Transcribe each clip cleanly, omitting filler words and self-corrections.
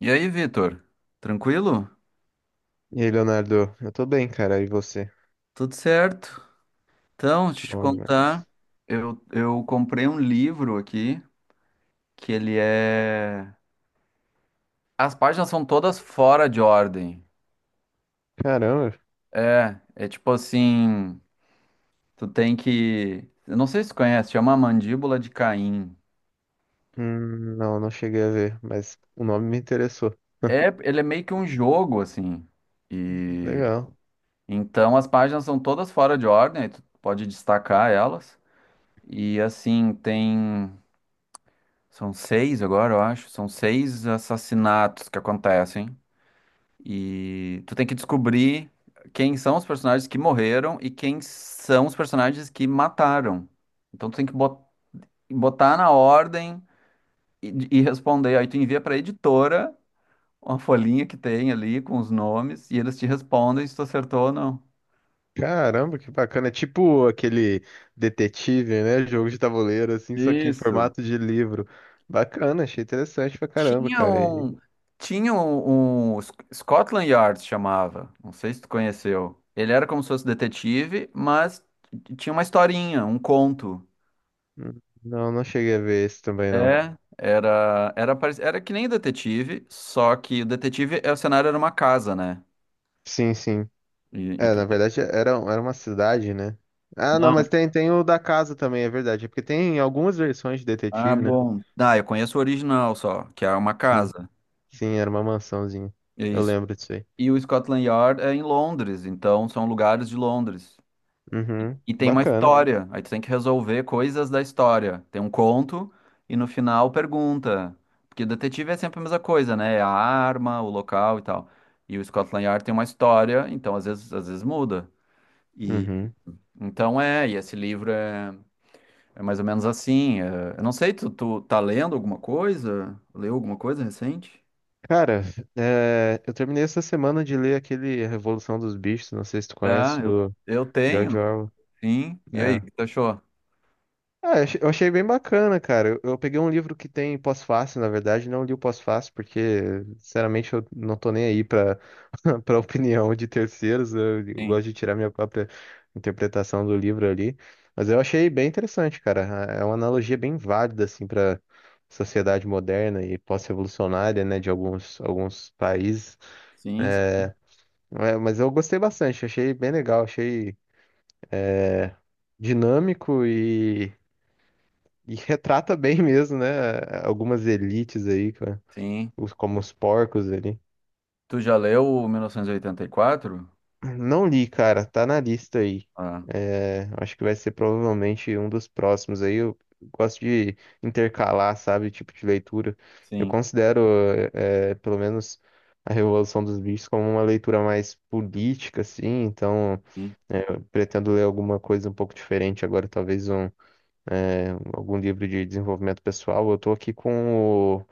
E aí, Vitor? Tranquilo? E aí, Leonardo? Eu tô bem, cara. E você? Tudo certo? Então, deixa eu te Bom contar, demais. eu comprei um livro aqui, que ele é. As páginas são todas fora de ordem. Caramba. É tipo assim, tu tem que. Eu não sei se tu conhece, chama A Mandíbula de Caim. Não, cheguei a ver, mas o nome me interessou. É, ele é meio que um jogo, assim. E Legal. então as páginas são todas fora de ordem, aí tu pode destacar elas. E assim, tem são seis agora, eu acho. São seis assassinatos que acontecem. E tu tem que descobrir quem são os personagens que morreram e quem são os personagens que mataram. Então tu tem que botar na ordem e responder. Aí tu envia pra editora uma folhinha que tem ali com os nomes e eles te respondem se tu acertou ou não. Caramba, que bacana. É tipo aquele detetive, né? Jogo de tabuleiro, assim, só que em Isso. formato de livro. Bacana, achei interessante pra caramba, Tinha cara. E, um, tinha um Scotland Yard chamava. Não sei se tu conheceu. Ele era como se fosse detetive, mas tinha uma historinha, um conto. Não, cheguei a ver esse também, não. É, era que nem detetive, só que o detetive, o cenário era uma casa, né? Sim, sim. E É, tu. na verdade era, uma cidade, né? Ah, não, mas Não. tem, o da casa também, é verdade. É porque tem algumas versões de Ah, detetive, né? bom. Ah, eu conheço o original só, que é uma Sim. casa. Sim, era uma mansãozinha. É Eu isso. lembro disso aí. E o Scotland Yard é em Londres, então são lugares de Londres. Uhum, E tem uma bacana. história, aí tu tem que resolver coisas da história. Tem um conto e no final pergunta. Porque o detetive é sempre a mesma coisa, né? É a arma, o local e tal. E o Scotland Yard tem uma história, então às vezes muda. E Uhum. então é, e esse livro é mais ou menos assim. Eu não sei, tu tá lendo alguma coisa? Leu alguma coisa recente? Cara, é, eu terminei essa semana de ler aquele Revolução dos Bichos, não sei se tu Ah, conhece, eu, do eu tenho, George Orwell. sim. E aí, o É. que tu achou? Ah, eu achei bem bacana, cara. Eu peguei um livro que tem pós-fácil, na verdade, não li o pós-fácil, porque, sinceramente, eu não tô nem aí pra opinião de terceiros. Eu Sim, gosto de tirar minha própria interpretação do livro ali. Mas eu achei bem interessante, cara. É uma analogia bem válida, assim, pra sociedade moderna e pós-revolucionária, né, de alguns, países. sim, É, é, mas eu gostei bastante, achei bem legal, achei dinâmico. E retrata bem mesmo, né? Algumas elites aí, cara. sim. Como os porcos ali. Tu já leu o 1984? Não li, cara. Tá na lista aí. Ah. É, acho que vai ser provavelmente um dos próximos aí. Eu gosto de intercalar, sabe? Tipo de leitura. Eu Sim, considero, é, pelo menos, A Revolução dos Bichos como uma leitura mais política, assim. Então, sim. é, eu pretendo ler alguma coisa um pouco diferente agora. Talvez um, é, algum livro de desenvolvimento pessoal. Eu tô aqui com o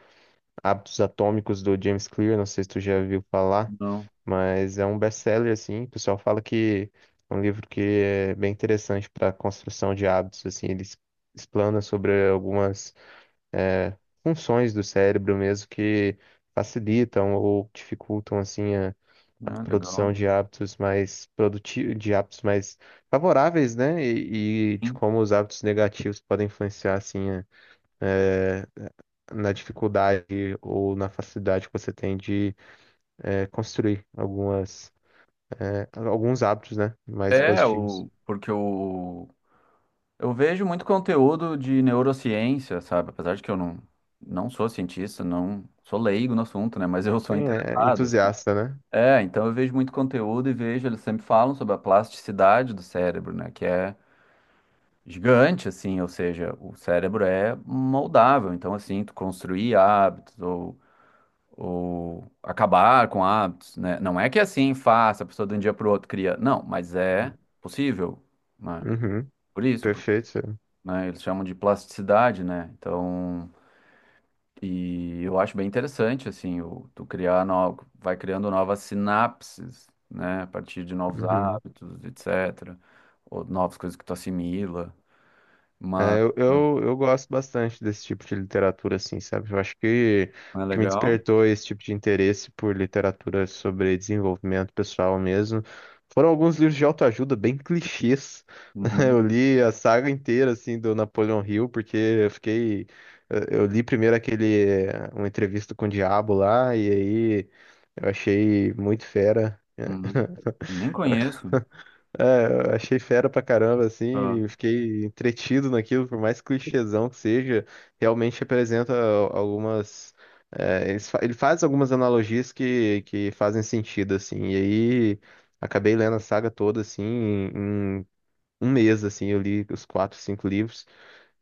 Hábitos Atômicos do James Clear, não sei se tu já viu falar, Não. mas é um best-seller assim, o pessoal fala que é um livro que é bem interessante para construção de hábitos assim. Explana sobre algumas eh, funções do cérebro mesmo que facilitam ou dificultam assim a Ah, legal. produção de hábitos mais produtivos, de hábitos mais favoráveis, né? E de Sim. como os hábitos negativos podem influenciar assim a, é, na dificuldade ou na facilidade que você tem de construir algumas, alguns hábitos, né? Mais É, positivos. Porque eu vejo muito conteúdo de neurociência, sabe? Apesar de que eu não sou cientista, não sou leigo no assunto, né? Mas eu sou Sim, é interessado, assim. entusiasta, né? É, então eu vejo muito conteúdo e vejo, eles sempre falam sobre a plasticidade do cérebro, né? Que é gigante, assim, ou seja, o cérebro é moldável. Então, assim, tu construir hábitos ou acabar com hábitos, né? Não é que é assim faça a pessoa de um dia para o outro cria, não, mas é possível, né? Uhum, Por isso, perfeito. né? Eles chamam de plasticidade, né? Então, e eu acho bem interessante assim, tu criar novo, vai criando novas sinapses, né? A partir de novos Uhum. hábitos, etc. Ou novas coisas que tu assimila, mas É, eu gosto bastante desse tipo de literatura, assim, sabe? Eu acho que não é o que me legal? despertou esse tipo de interesse por literatura sobre desenvolvimento pessoal mesmo foram alguns livros de autoajuda bem clichês. Uhum, Eu li a saga inteira, assim, do Napoleon Hill, porque eu fiquei... Eu li primeiro aquele... Uma entrevista com o Diabo lá, e aí eu achei muito fera. uhum. Nem conheço. É, eu achei fera pra caramba, Ah, assim, eu fiquei entretido naquilo, por mais clichêzão que seja, realmente representa algumas. É, ele faz algumas analogias que, fazem sentido, assim, e aí acabei lendo a saga toda, assim, em um mês, assim, eu li os 4, 5 livros,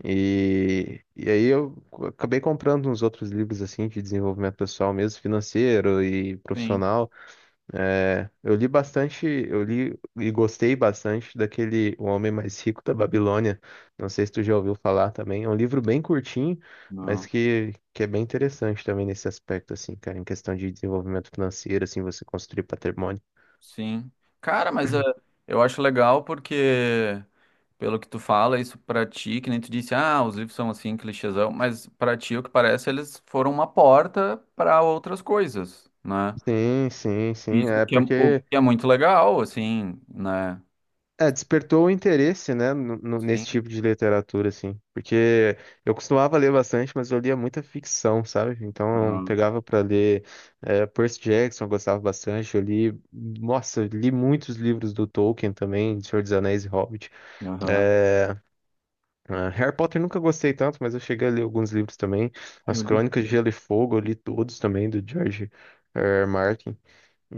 e, aí eu acabei comprando uns outros livros, assim, de desenvolvimento pessoal mesmo, financeiro e sim. profissional. É, eu li bastante, eu li e gostei bastante daquele O Homem Mais Rico da Babilônia. Não sei se tu já ouviu falar também. É um livro bem curtinho, mas Não. Que é bem interessante também nesse aspecto, assim, cara, em questão de desenvolvimento financeiro, assim, você construir patrimônio. Sim. Cara, mas eu acho legal porque, pelo que tu fala, isso pra ti, que nem tu disse, ah, os livros são assim, clichêzão, mas pra ti, o que parece, eles foram uma porta pra outras coisas, né? Sim, sim, sim. Isso, o É que é, o porque que é muito legal, assim, né? é, despertou o interesse, né, nesse Sim. tipo de literatura, assim. Porque eu costumava ler bastante, mas eu lia muita ficção, sabe? Então, eu Aham. pegava pra ler é, Percy Jackson, eu gostava bastante. Eu li, nossa, eu li muitos livros do Tolkien também, de Senhor dos Anéis e Hobbit. Aham. É, ah, Harry Potter nunca gostei tanto, mas eu cheguei a ler alguns livros também. Ah, eu As li o. Crônicas de Gelo e Fogo, eu li todos também, do George R. Martin.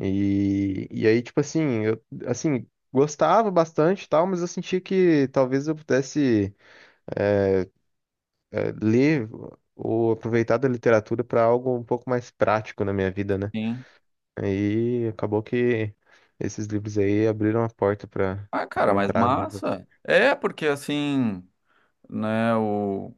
E, aí, tipo assim, eu, gostava bastante e tal, mas eu sentia que talvez eu pudesse ler ou aproveitar da literatura para algo um pouco mais prático na minha vida, né? Sim. Aí acabou que esses livros aí abriram a porta para Ah, cara, mas encontrar novas. massa. É, porque assim, né, o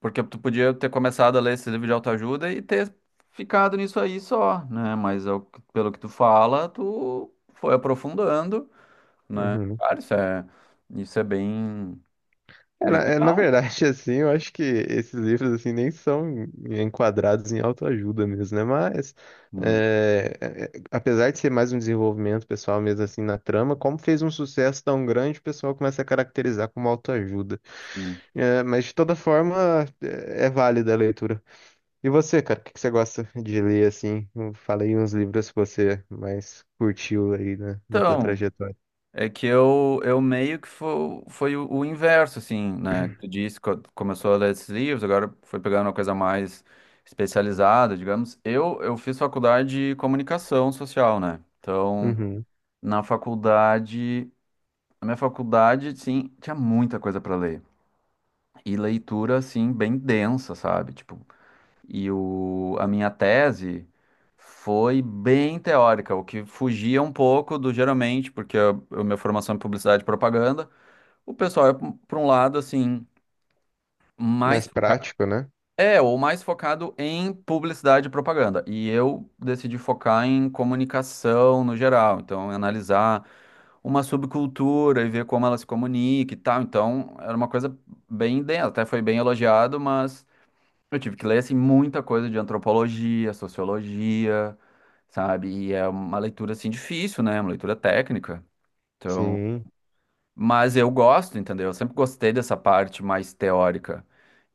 Porque tu podia ter começado a ler esse livro de autoajuda e ter ficado nisso aí só, né? Mas é pelo que tu fala, tu foi aprofundando, né? Uhum. Cara, isso é bem, É, bem é, na legal. verdade, assim, eu acho que esses livros, assim, nem são enquadrados em autoajuda mesmo, né? Mas, Hum, é, apesar de ser mais um desenvolvimento pessoal mesmo, assim, na trama, como fez um sucesso tão grande, o pessoal começa a caracterizar como autoajuda. sim. É, mas, de toda forma, é, é válida a leitura. E você, cara, o que que você gosta de ler, assim? Eu falei uns livros que você mais curtiu aí na tua Então, trajetória. é que eu meio que foi o inverso, assim, né? Tu disse que começou a ler esses livros, agora foi pegando uma coisa mais especializada, digamos. Eu fiz faculdade de comunicação social, né? Então, Uhum. na faculdade. Na minha faculdade, sim, tinha muita coisa para ler. E leitura, assim, bem densa, sabe? Tipo, a minha tese foi bem teórica, o que fugia um pouco do geralmente, porque a minha formação é em publicidade e propaganda. O pessoal é para um lado, assim, mais Mais focado. prático, né? É, ou mais focado em publicidade e propaganda. E eu decidi focar em comunicação no geral. Então, analisar uma subcultura e ver como ela se comunica e tal. Então, era uma coisa bem densa, até foi bem elogiado, mas eu tive que ler assim muita coisa de antropologia, sociologia, sabe? E é uma leitura assim difícil, né? É uma leitura técnica. Então, Sim. mas eu gosto, entendeu? Eu sempre gostei dessa parte mais teórica.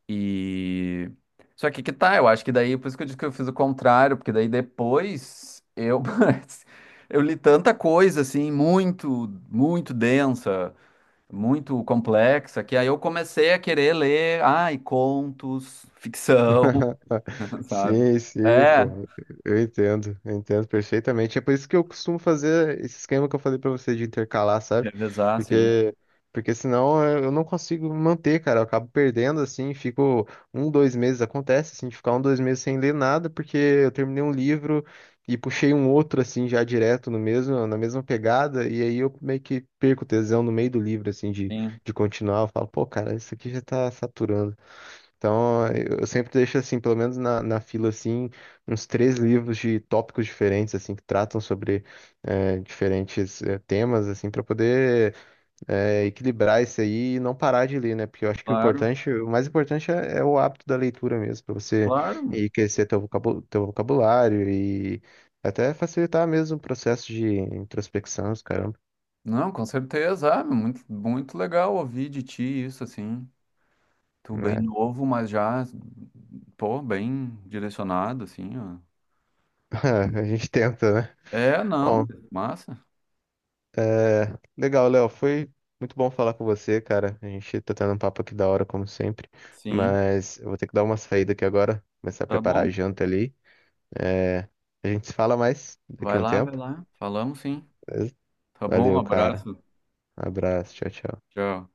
E só que tá, eu acho que daí, por isso que eu disse que eu fiz o contrário, porque daí depois eu eu li tanta coisa assim, muito, muito densa, muito complexa, que aí eu comecei a querer ler, ai, contos, ficção, sabe? Sim, sim, É, pô. Eu entendo perfeitamente. É por isso que eu costumo fazer esse esquema que eu falei pra você de intercalar, sabe? revezar, sim. Porque, Porque senão eu não consigo manter, cara. Eu acabo perdendo, assim, fico um, dois meses. Acontece, assim, de ficar um, dois meses sem ler nada, porque eu terminei um livro e puxei um outro, assim, já direto no mesmo, na mesma pegada. E aí eu meio que perco o tesão no meio do livro, assim, Sim, de continuar. Eu falo, pô, cara, isso aqui já tá saturando. Então, eu sempre deixo, assim, pelo menos na fila, assim, uns 3 livros de tópicos diferentes, assim, que tratam sobre diferentes temas, assim, para poder equilibrar isso aí e não parar de ler, né? Porque eu acho que o claro, importante, o mais importante é, é o hábito da leitura mesmo, para você claro. enriquecer teu vocabulário e até facilitar mesmo o processo de introspecção, os caramba, Não, com certeza, ah, muito, muito legal ouvir de ti isso, assim. Tu bem né? novo, mas já, pô, bem direcionado, assim, ó. A gente tenta, né? É, não, Bom, massa. é, legal, Léo. Foi muito bom falar com você, cara. A gente tá tendo um papo aqui da hora, como sempre. Sim, Mas eu vou ter que dar uma saída aqui agora, começar a tá preparar bom. a janta ali. É, a gente se fala mais daqui a Vai um lá, vai tempo. lá. Falamos, sim. Beleza? Tá bom, Valeu, cara. abraço. Abraço, tchau, tchau. Tchau.